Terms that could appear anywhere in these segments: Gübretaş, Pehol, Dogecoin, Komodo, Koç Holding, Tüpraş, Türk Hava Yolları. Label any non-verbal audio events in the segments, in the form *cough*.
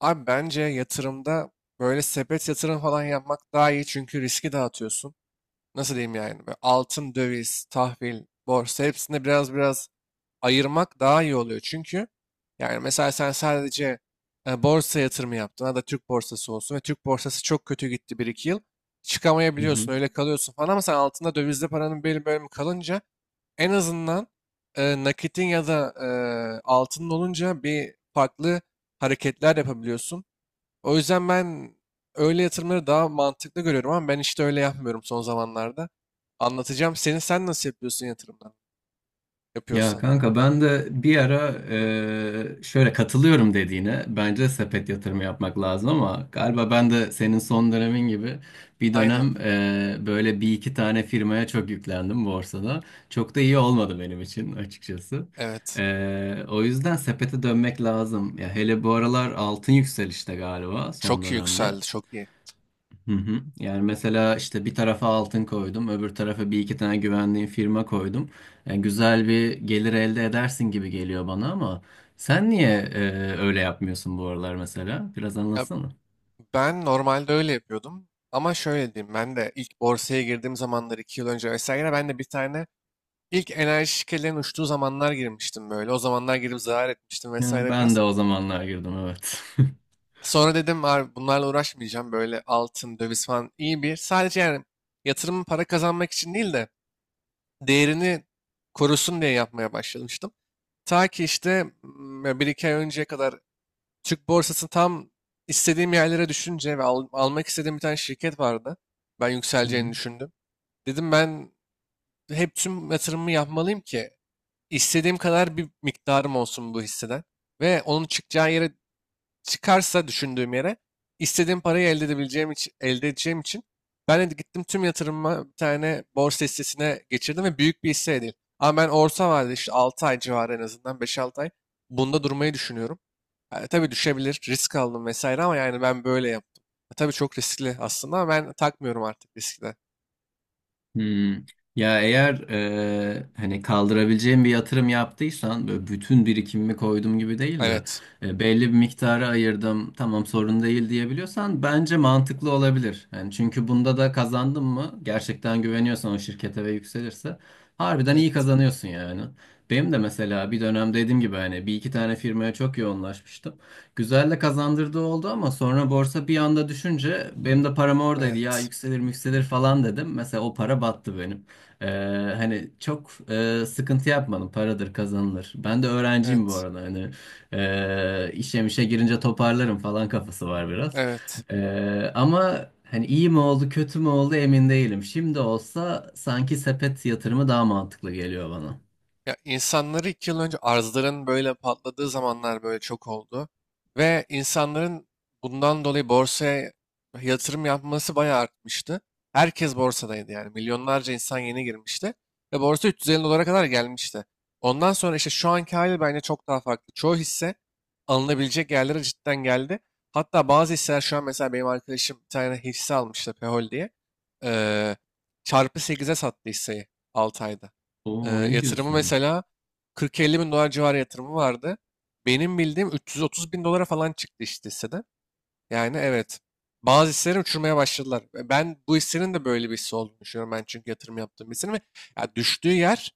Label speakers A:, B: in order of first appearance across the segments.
A: Abi bence yatırımda böyle sepet yatırım falan yapmak daha iyi çünkü riski dağıtıyorsun. Nasıl diyeyim yani? Böyle altın, döviz, tahvil, borsa hepsinde biraz biraz ayırmak daha iyi oluyor. Çünkü yani mesela sen sadece borsa yatırımı yaptın ya da Türk borsası olsun ve Türk borsası çok kötü gitti bir iki yıl.
B: Hı hı.
A: Çıkamayabiliyorsun öyle kalıyorsun falan ama sen altında dövizde paranın belli bölümü kalınca en azından nakitin ya da altının olunca bir farklı hareketler yapabiliyorsun. O yüzden ben öyle yatırımları daha mantıklı görüyorum ama ben işte öyle yapmıyorum son zamanlarda. Anlatacağım seni. Sen nasıl yapıyorsun yatırımlar?
B: Ya
A: Yapıyorsan.
B: kanka ben de bir ara şöyle katılıyorum dediğine bence sepet yatırımı yapmak lazım ama galiba ben de senin son dönemin gibi bir dönem
A: Aynen.
B: böyle bir iki tane firmaya çok yüklendim borsada. Çok da iyi olmadı benim için açıkçası.
A: Evet.
B: O yüzden sepete dönmek lazım. Ya hele bu aralar altın yükselişte galiba
A: Çok
B: son
A: iyi
B: dönemde.
A: yükseldi. Çok iyi.
B: Hı hı. Yani mesela işte bir tarafa altın koydum, öbür tarafa bir iki tane güvendiğim firma koydum. Yani güzel bir gelir elde edersin gibi geliyor bana ama sen niye öyle yapmıyorsun bu aralar mesela? Biraz
A: Ya
B: anlatsana.
A: ben normalde öyle yapıyordum. Ama şöyle diyeyim. Ben de ilk borsaya girdiğim zamanlar 2 yıl önce vesaire ben de bir tane ilk enerji şirketlerinin uçtuğu zamanlar girmiştim böyle. O zamanlar girip zarar etmiştim
B: Yani
A: vesaire
B: ben de
A: biraz.
B: o zamanlar girdim, evet.
A: Sonra dedim abi bunlarla uğraşmayacağım. Böyle altın, döviz falan iyi bir. Sadece yani yatırımın para kazanmak için değil de değerini korusun diye yapmaya başlamıştım. Ta ki işte bir iki ay önceye kadar Türk borsası tam istediğim yerlere düşünce ve almak istediğim bir tane şirket vardı. Ben yükseleceğini
B: *laughs*
A: düşündüm. Dedim ben hep tüm yatırımımı yapmalıyım ki istediğim kadar bir miktarım olsun bu hisseden. Ve onun çıkacağı yere çıkarsa düşündüğüm yere istediğim parayı elde edebileceğim için, elde edeceğim için ben de gittim tüm yatırımımı bir tane borsa hissesine geçirdim ve büyük bir hisse değil. Ama ben orta vadede işte 6 ay civarı en azından beş 6 ay bunda durmayı düşünüyorum. Ha, tabii düşebilir, risk aldım vesaire ama yani ben böyle yaptım. Ha, tabii çok riskli aslında ama ben takmıyorum artık riskle.
B: Hmm. Ya eğer hani kaldırabileceğim bir yatırım yaptıysan böyle bütün birikimimi koydum gibi değil de
A: Evet,
B: belli bir miktarı ayırdım, tamam sorun değil diyebiliyorsan bence mantıklı olabilir. Yani çünkü bunda da kazandın mı gerçekten güveniyorsan o şirkete ve yükselirse harbiden iyi
A: evet,
B: kazanıyorsun yani. Benim de mesela bir dönem dediğim gibi hani bir iki tane firmaya çok yoğunlaşmıştım. Güzel de kazandırdığı oldu ama sonra borsa bir anda düşünce benim de param oradaydı, ya
A: evet,
B: yükselir yükselir falan dedim. Mesela o para battı benim. Ee, Hani çok sıkıntı yapmadım, paradır kazanılır. Ben de öğrenciyim bu
A: evet,
B: arada, hani işe mişe girince toparlarım falan kafası var biraz.
A: evet.
B: Ama hani iyi mi oldu kötü mü oldu emin değilim. Şimdi olsa sanki sepet yatırımı daha mantıklı geliyor bana.
A: Ya insanları 2 yıl önce arzların böyle patladığı zamanlar böyle çok oldu. Ve insanların bundan dolayı borsaya yatırım yapması bayağı artmıştı. Herkes borsadaydı yani. Milyonlarca insan yeni girmişti. Ve borsa 350 dolara kadar gelmişti. Ondan sonra işte şu anki hali bence çok daha farklı. Çoğu hisse alınabilecek yerlere cidden geldi. Hatta bazı hisseler şu an mesela benim arkadaşım bir tane hisse almıştı Pehol diye. Ee, çarpı sekize sattı hisseyi 6 ayda.
B: Oo, ne
A: Yatırımı
B: diyorsun?
A: mesela 40-50 bin dolar civarı yatırımı vardı. Benim bildiğim 330 bin dolara falan çıktı işte hisseden. Yani evet. Bazı hisseleri uçurmaya başladılar. Ve ben bu hissenin de böyle bir hisse olduğunu düşünüyorum. Ben çünkü yatırım yaptığım bir hissenin ve ya düştüğü yer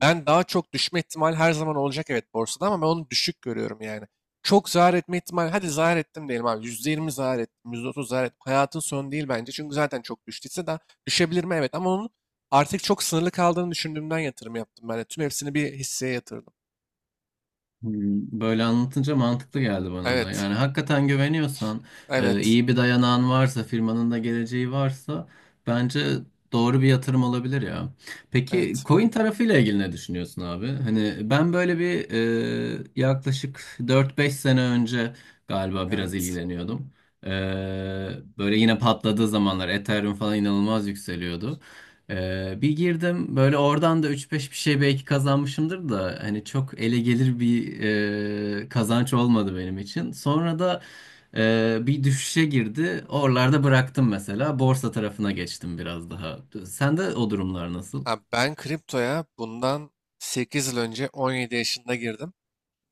A: ben daha çok düşme ihtimali her zaman olacak evet borsada ama ben onu düşük görüyorum yani. Çok zarar etme ihtimali, hadi zarar ettim diyelim abi. %20 zarar ettim, %30 zarar ettim. Hayatın sonu değil bence. Çünkü zaten çok düştüyse daha düşebilir mi? Evet ama onun artık çok sınırlı kaldığını düşündüğümden yatırım yaptım ben de. Tüm hepsini bir hisseye yatırdım.
B: Böyle anlatınca mantıklı geldi bana da.
A: Evet,
B: Yani hakikaten güveniyorsan,
A: evet,
B: iyi bir dayanağın varsa, firmanın da geleceği varsa bence doğru bir yatırım olabilir ya. Peki
A: evet,
B: coin tarafıyla ilgili ne düşünüyorsun abi? Hani ben böyle bir yaklaşık dört beş sene önce galiba biraz
A: evet.
B: ilgileniyordum. E, Böyle yine patladığı zamanlar Ethereum falan inanılmaz yükseliyordu. Bir girdim böyle, oradan da üç beş bir şey belki kazanmışımdır da hani çok ele gelir bir kazanç olmadı benim için. Sonra da bir düşüşe girdi. Oralarda bıraktım mesela. Borsa tarafına geçtim biraz daha. Sende o durumlar nasıl?
A: Abi ben kriptoya bundan 8 yıl önce 17 yaşında girdim.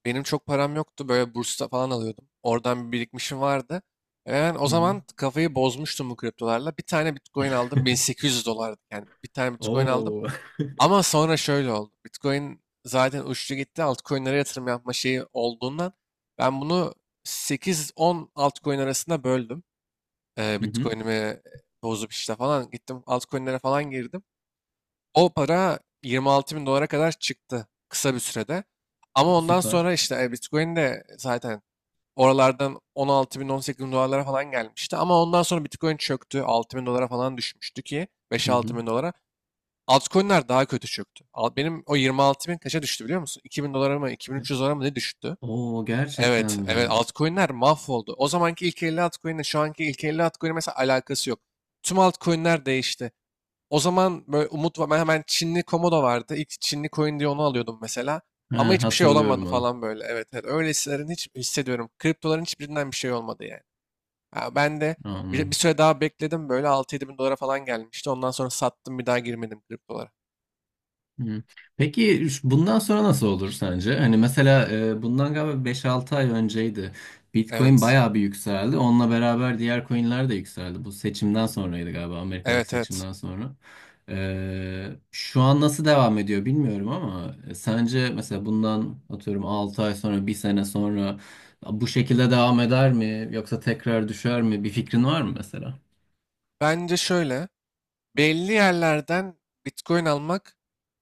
A: Benim çok param yoktu. Böyle bursta falan alıyordum. Oradan bir birikmişim vardı. Ben o
B: Hı hı.
A: zaman kafayı bozmuştum bu kriptolarla. Bir tane Bitcoin aldım. 1800 dolardı. Yani bir tane Bitcoin aldım.
B: Oo.
A: Ama sonra şöyle oldu. Bitcoin zaten uçtu gitti. Altcoin'lere yatırım yapma şeyi olduğundan ben bunu 8-10 altcoin arasında böldüm.
B: *laughs* Hı hı,
A: Bitcoin'imi bozup işte falan gittim. Altcoin'lere falan girdim. O para 26 bin dolara kadar çıktı kısa bir sürede. Ama ondan
B: süper.
A: sonra işte Bitcoin de zaten oralardan 16 bin 18 bin dolarlara falan gelmişti. Ama ondan sonra Bitcoin çöktü. 6 bin dolara falan düşmüştü ki
B: Hı hı.
A: 5-6 bin dolara. Altcoin'ler daha kötü çöktü. Benim o 26 bin kaça düştü biliyor musun? 2 bin dolara mı 2300 dolara mı ne düştü?
B: Oo, gerçekten
A: Evet, evet
B: mi?
A: altcoin'ler mahvoldu. O zamanki ilk 50 altcoin'le şu anki ilk 50 altcoin'in mesela alakası yok. Tüm altcoin'ler değişti. O zaman böyle umut var. Ben hemen Çinli Komodo vardı. İlk Çinli coin diye onu alıyordum mesela. Ama
B: Ha,
A: hiçbir şey olamadı
B: hatırlıyorum onu.
A: falan böyle. Evet evet. Öyle hisselerin hiç hissediyorum. Kriptoların hiçbirinden bir şey olmadı yani. Ha, ben de bir
B: Anladım.
A: süre daha bekledim. Böyle 6-7 bin dolara falan gelmişti. Ondan sonra sattım bir daha girmedim kriptolara.
B: Hı. Peki bundan sonra nasıl olur sence? Hani mesela bundan galiba beş-altı ay önceydi. Bitcoin
A: Evet.
B: bayağı bir yükseldi. Onunla beraber diğer coinler de yükseldi. Bu seçimden sonraydı galiba, Amerika'daki
A: Evet evet.
B: seçimden sonra. Şu an nasıl devam ediyor bilmiyorum ama sence mesela bundan atıyorum 6 ay sonra, bir sene sonra bu şekilde devam eder mi? Yoksa tekrar düşer mi? Bir fikrin var mı mesela?
A: Bence şöyle. Belli yerlerden Bitcoin almak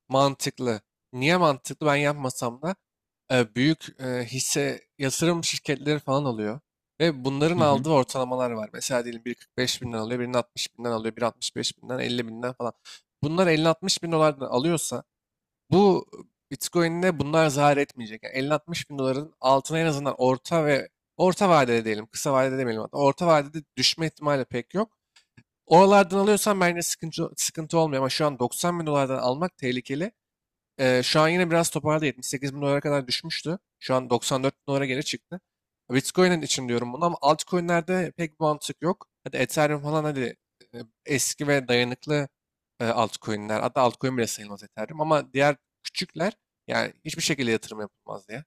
A: mantıklı. Niye mantıklı? Ben yapmasam da büyük hisse yatırım şirketleri falan alıyor. Ve bunların
B: Hı hı.
A: aldığı ortalamalar var. Mesela diyelim biri 45 binden alıyor, birinin 60 binden alıyor, biri 65 binden, 50 binden falan. Bunlar 50-60 bin dolardan alıyorsa bu Bitcoin'de bunlar zarar etmeyecek. Yani 50-60 bin doların altına en azından orta ve orta vadede diyelim, kısa vadede demeyelim hatta. Orta vadede düşme ihtimali pek yok. Oralardan alıyorsan bence sıkıntı, sıkıntı olmuyor ama şu an 90 bin dolardan almak tehlikeli. Şu an yine biraz toparladı. 78 bin dolara kadar düşmüştü. Şu an 94 bin dolara geri çıktı. Bitcoin'in için diyorum bunu ama altcoin'lerde pek bir mantık yok. Hadi Ethereum falan hadi e, eski ve dayanıklı altcoin'ler. Hatta altcoin bile sayılmaz Ethereum ama diğer küçükler yani hiçbir şekilde yatırım yapılmaz diye.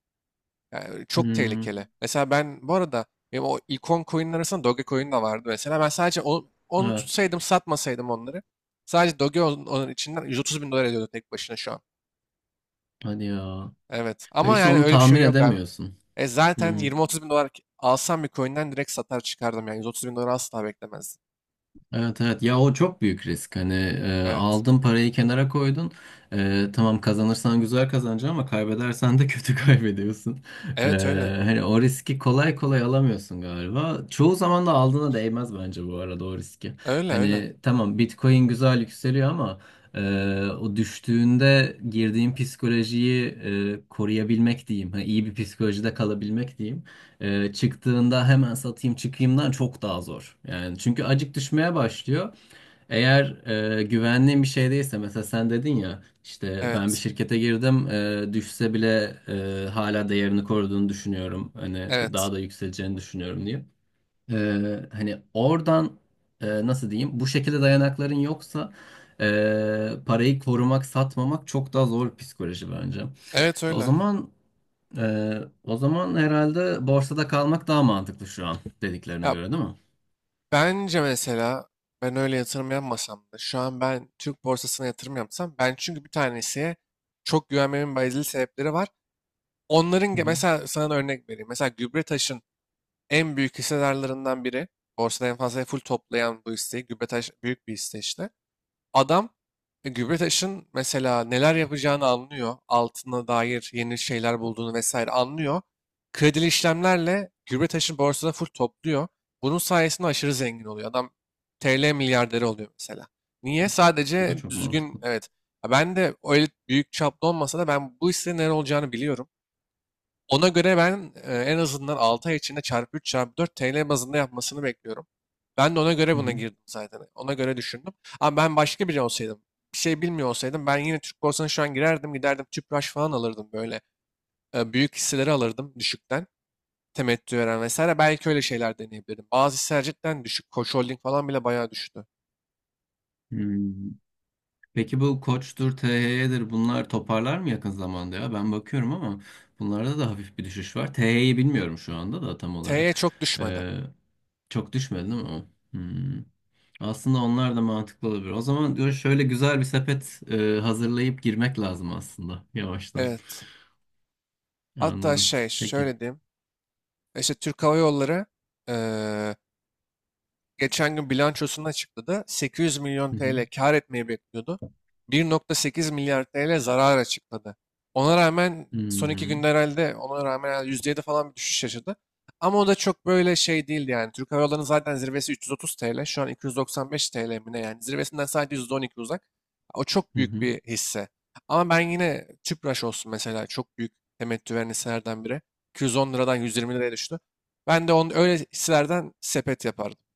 A: Yani çok
B: Hmm,
A: tehlikeli. Mesela ben bu arada benim o ikon coin'in arasında Dogecoin de vardı mesela. Ben sadece onu
B: evet.
A: tutsaydım satmasaydım onları. Sadece Doge onun içinden 130 bin dolar ediyordu tek başına şu an.
B: Hadi ya.
A: Evet.
B: Ve
A: Ama
B: işte
A: yani
B: onu
A: öyle bir şey
B: tahmin
A: yok abi.
B: edemiyorsun.
A: E zaten
B: Hmm.
A: 20-30 bin dolar alsam bir coin'den direkt satar çıkardım yani. 130 bin dolar asla beklemezdim.
B: Evet, evet ya, o çok büyük risk hani
A: Evet.
B: aldın parayı kenara koydun. Tamam kazanırsan güzel kazanacaksın ama kaybedersen de kötü *laughs* kaybediyorsun. E,
A: Evet öyle.
B: Hani o riski kolay kolay alamıyorsun galiba çoğu zaman, da aldığına değmez bence bu arada o riski,
A: Öyle öyle.
B: hani tamam Bitcoin güzel yükseliyor ama e, o düştüğünde girdiğin psikolojiyi koruyabilmek diyeyim, hani iyi bir psikolojide kalabilmek diyeyim çıktığında hemen satayım çıkayımdan çok daha zor. Yani çünkü acık düşmeye başlıyor. Eğer güvenliğin bir şey değilse, mesela sen dedin ya işte ben bir
A: Evet.
B: şirkete girdim düşse bile hala değerini koruduğunu düşünüyorum. Hani
A: Evet.
B: daha da yükseleceğini düşünüyorum diye. E, Hani oradan nasıl diyeyim, bu şekilde dayanakların yoksa parayı korumak, satmamak çok daha zor bir psikoloji bence.
A: Evet
B: O
A: öyle.
B: zaman ee, o zaman herhalde borsada kalmak daha mantıklı şu an dediklerine
A: Ya
B: göre, değil mi?
A: bence mesela ben öyle yatırım yapmasam da şu an ben Türk borsasına yatırım yapsam ben çünkü bir tanesiye çok güvenmemin bazı sebepleri var. Onların
B: Hı hı.
A: mesela sana da örnek vereyim. Mesela Gübretaş'ın en büyük hissedarlarından biri. Borsada en fazla full toplayan bu hisseyi. Gübretaş büyük bir hisse işte. Adam Gübretaş'ın mesela neler yapacağını anlıyor. Altına dair yeni şeyler bulduğunu vesaire anlıyor. Kredili işlemlerle Gübretaş'ın borsada full topluyor. Bunun sayesinde aşırı zengin oluyor. Adam TL milyarderi oluyor mesela. Niye?
B: Bu da
A: Sadece
B: çok
A: düzgün
B: mantıklı.
A: evet. Ha, ben de öyle büyük çaplı olmasa da ben bu işlerin ne olacağını biliyorum. Ona göre ben en azından 6 ay içinde çarpı 3 çarpı 4 TL bazında yapmasını bekliyorum. Ben de ona göre
B: Hı
A: buna
B: hı.
A: girdim zaten. Ona göre düşündüm. Ama ben başka biri olsaydım, bir şey bilmiyor olsaydım ben yine Türk borsasına şu an girerdim, giderdim Tüpraş falan alırdım böyle. Büyük hisseleri alırdım düşükten. Temettü veren vesaire. Belki öyle şeyler deneyebilirim. Bazı hisseler cidden düşük. Koç Holding falan bile bayağı düştü.
B: Hmm. Peki bu Koç'tur, THY'dir bunlar toparlar mı yakın zamanda ya? Ben bakıyorum ama bunlarda da hafif bir düşüş var. THY'yi bilmiyorum şu anda da tam olarak.
A: T'ye çok düşmedi.
B: Ee, Çok düşmedi değil mi o? Hmm. Aslında onlar da mantıklı olabilir. O zaman diyor, şöyle güzel bir sepet hazırlayıp girmek lazım aslında yavaştan.
A: Evet. Hatta
B: Anladım.
A: şey
B: Peki.
A: şöyle diyeyim. İşte Türk Hava Yolları e, geçen gün bilançosunu açıkladı. 800 milyon
B: Hı hı.
A: TL kar etmeyi bekliyordu. 1.8 milyar TL zarar açıkladı. Ona rağmen son 2 günde
B: Hmm.
A: herhalde ona rağmen herhalde %7 falan bir düşüş yaşadı. Ama o da çok böyle şey değildi yani. Türk Hava Yolları'nın zaten zirvesi 330 TL. Şu an 295 TL mi ne yani. Zirvesinden sadece %12 uzak. O çok
B: Hı
A: büyük
B: hı.
A: bir hisse. Ama ben yine Tüpraş olsun mesela çok büyük temettü veren hisselerden biri. 210 liradan 120 liraya düştü. Ben de onun öyle hisselerden sepet yapardım.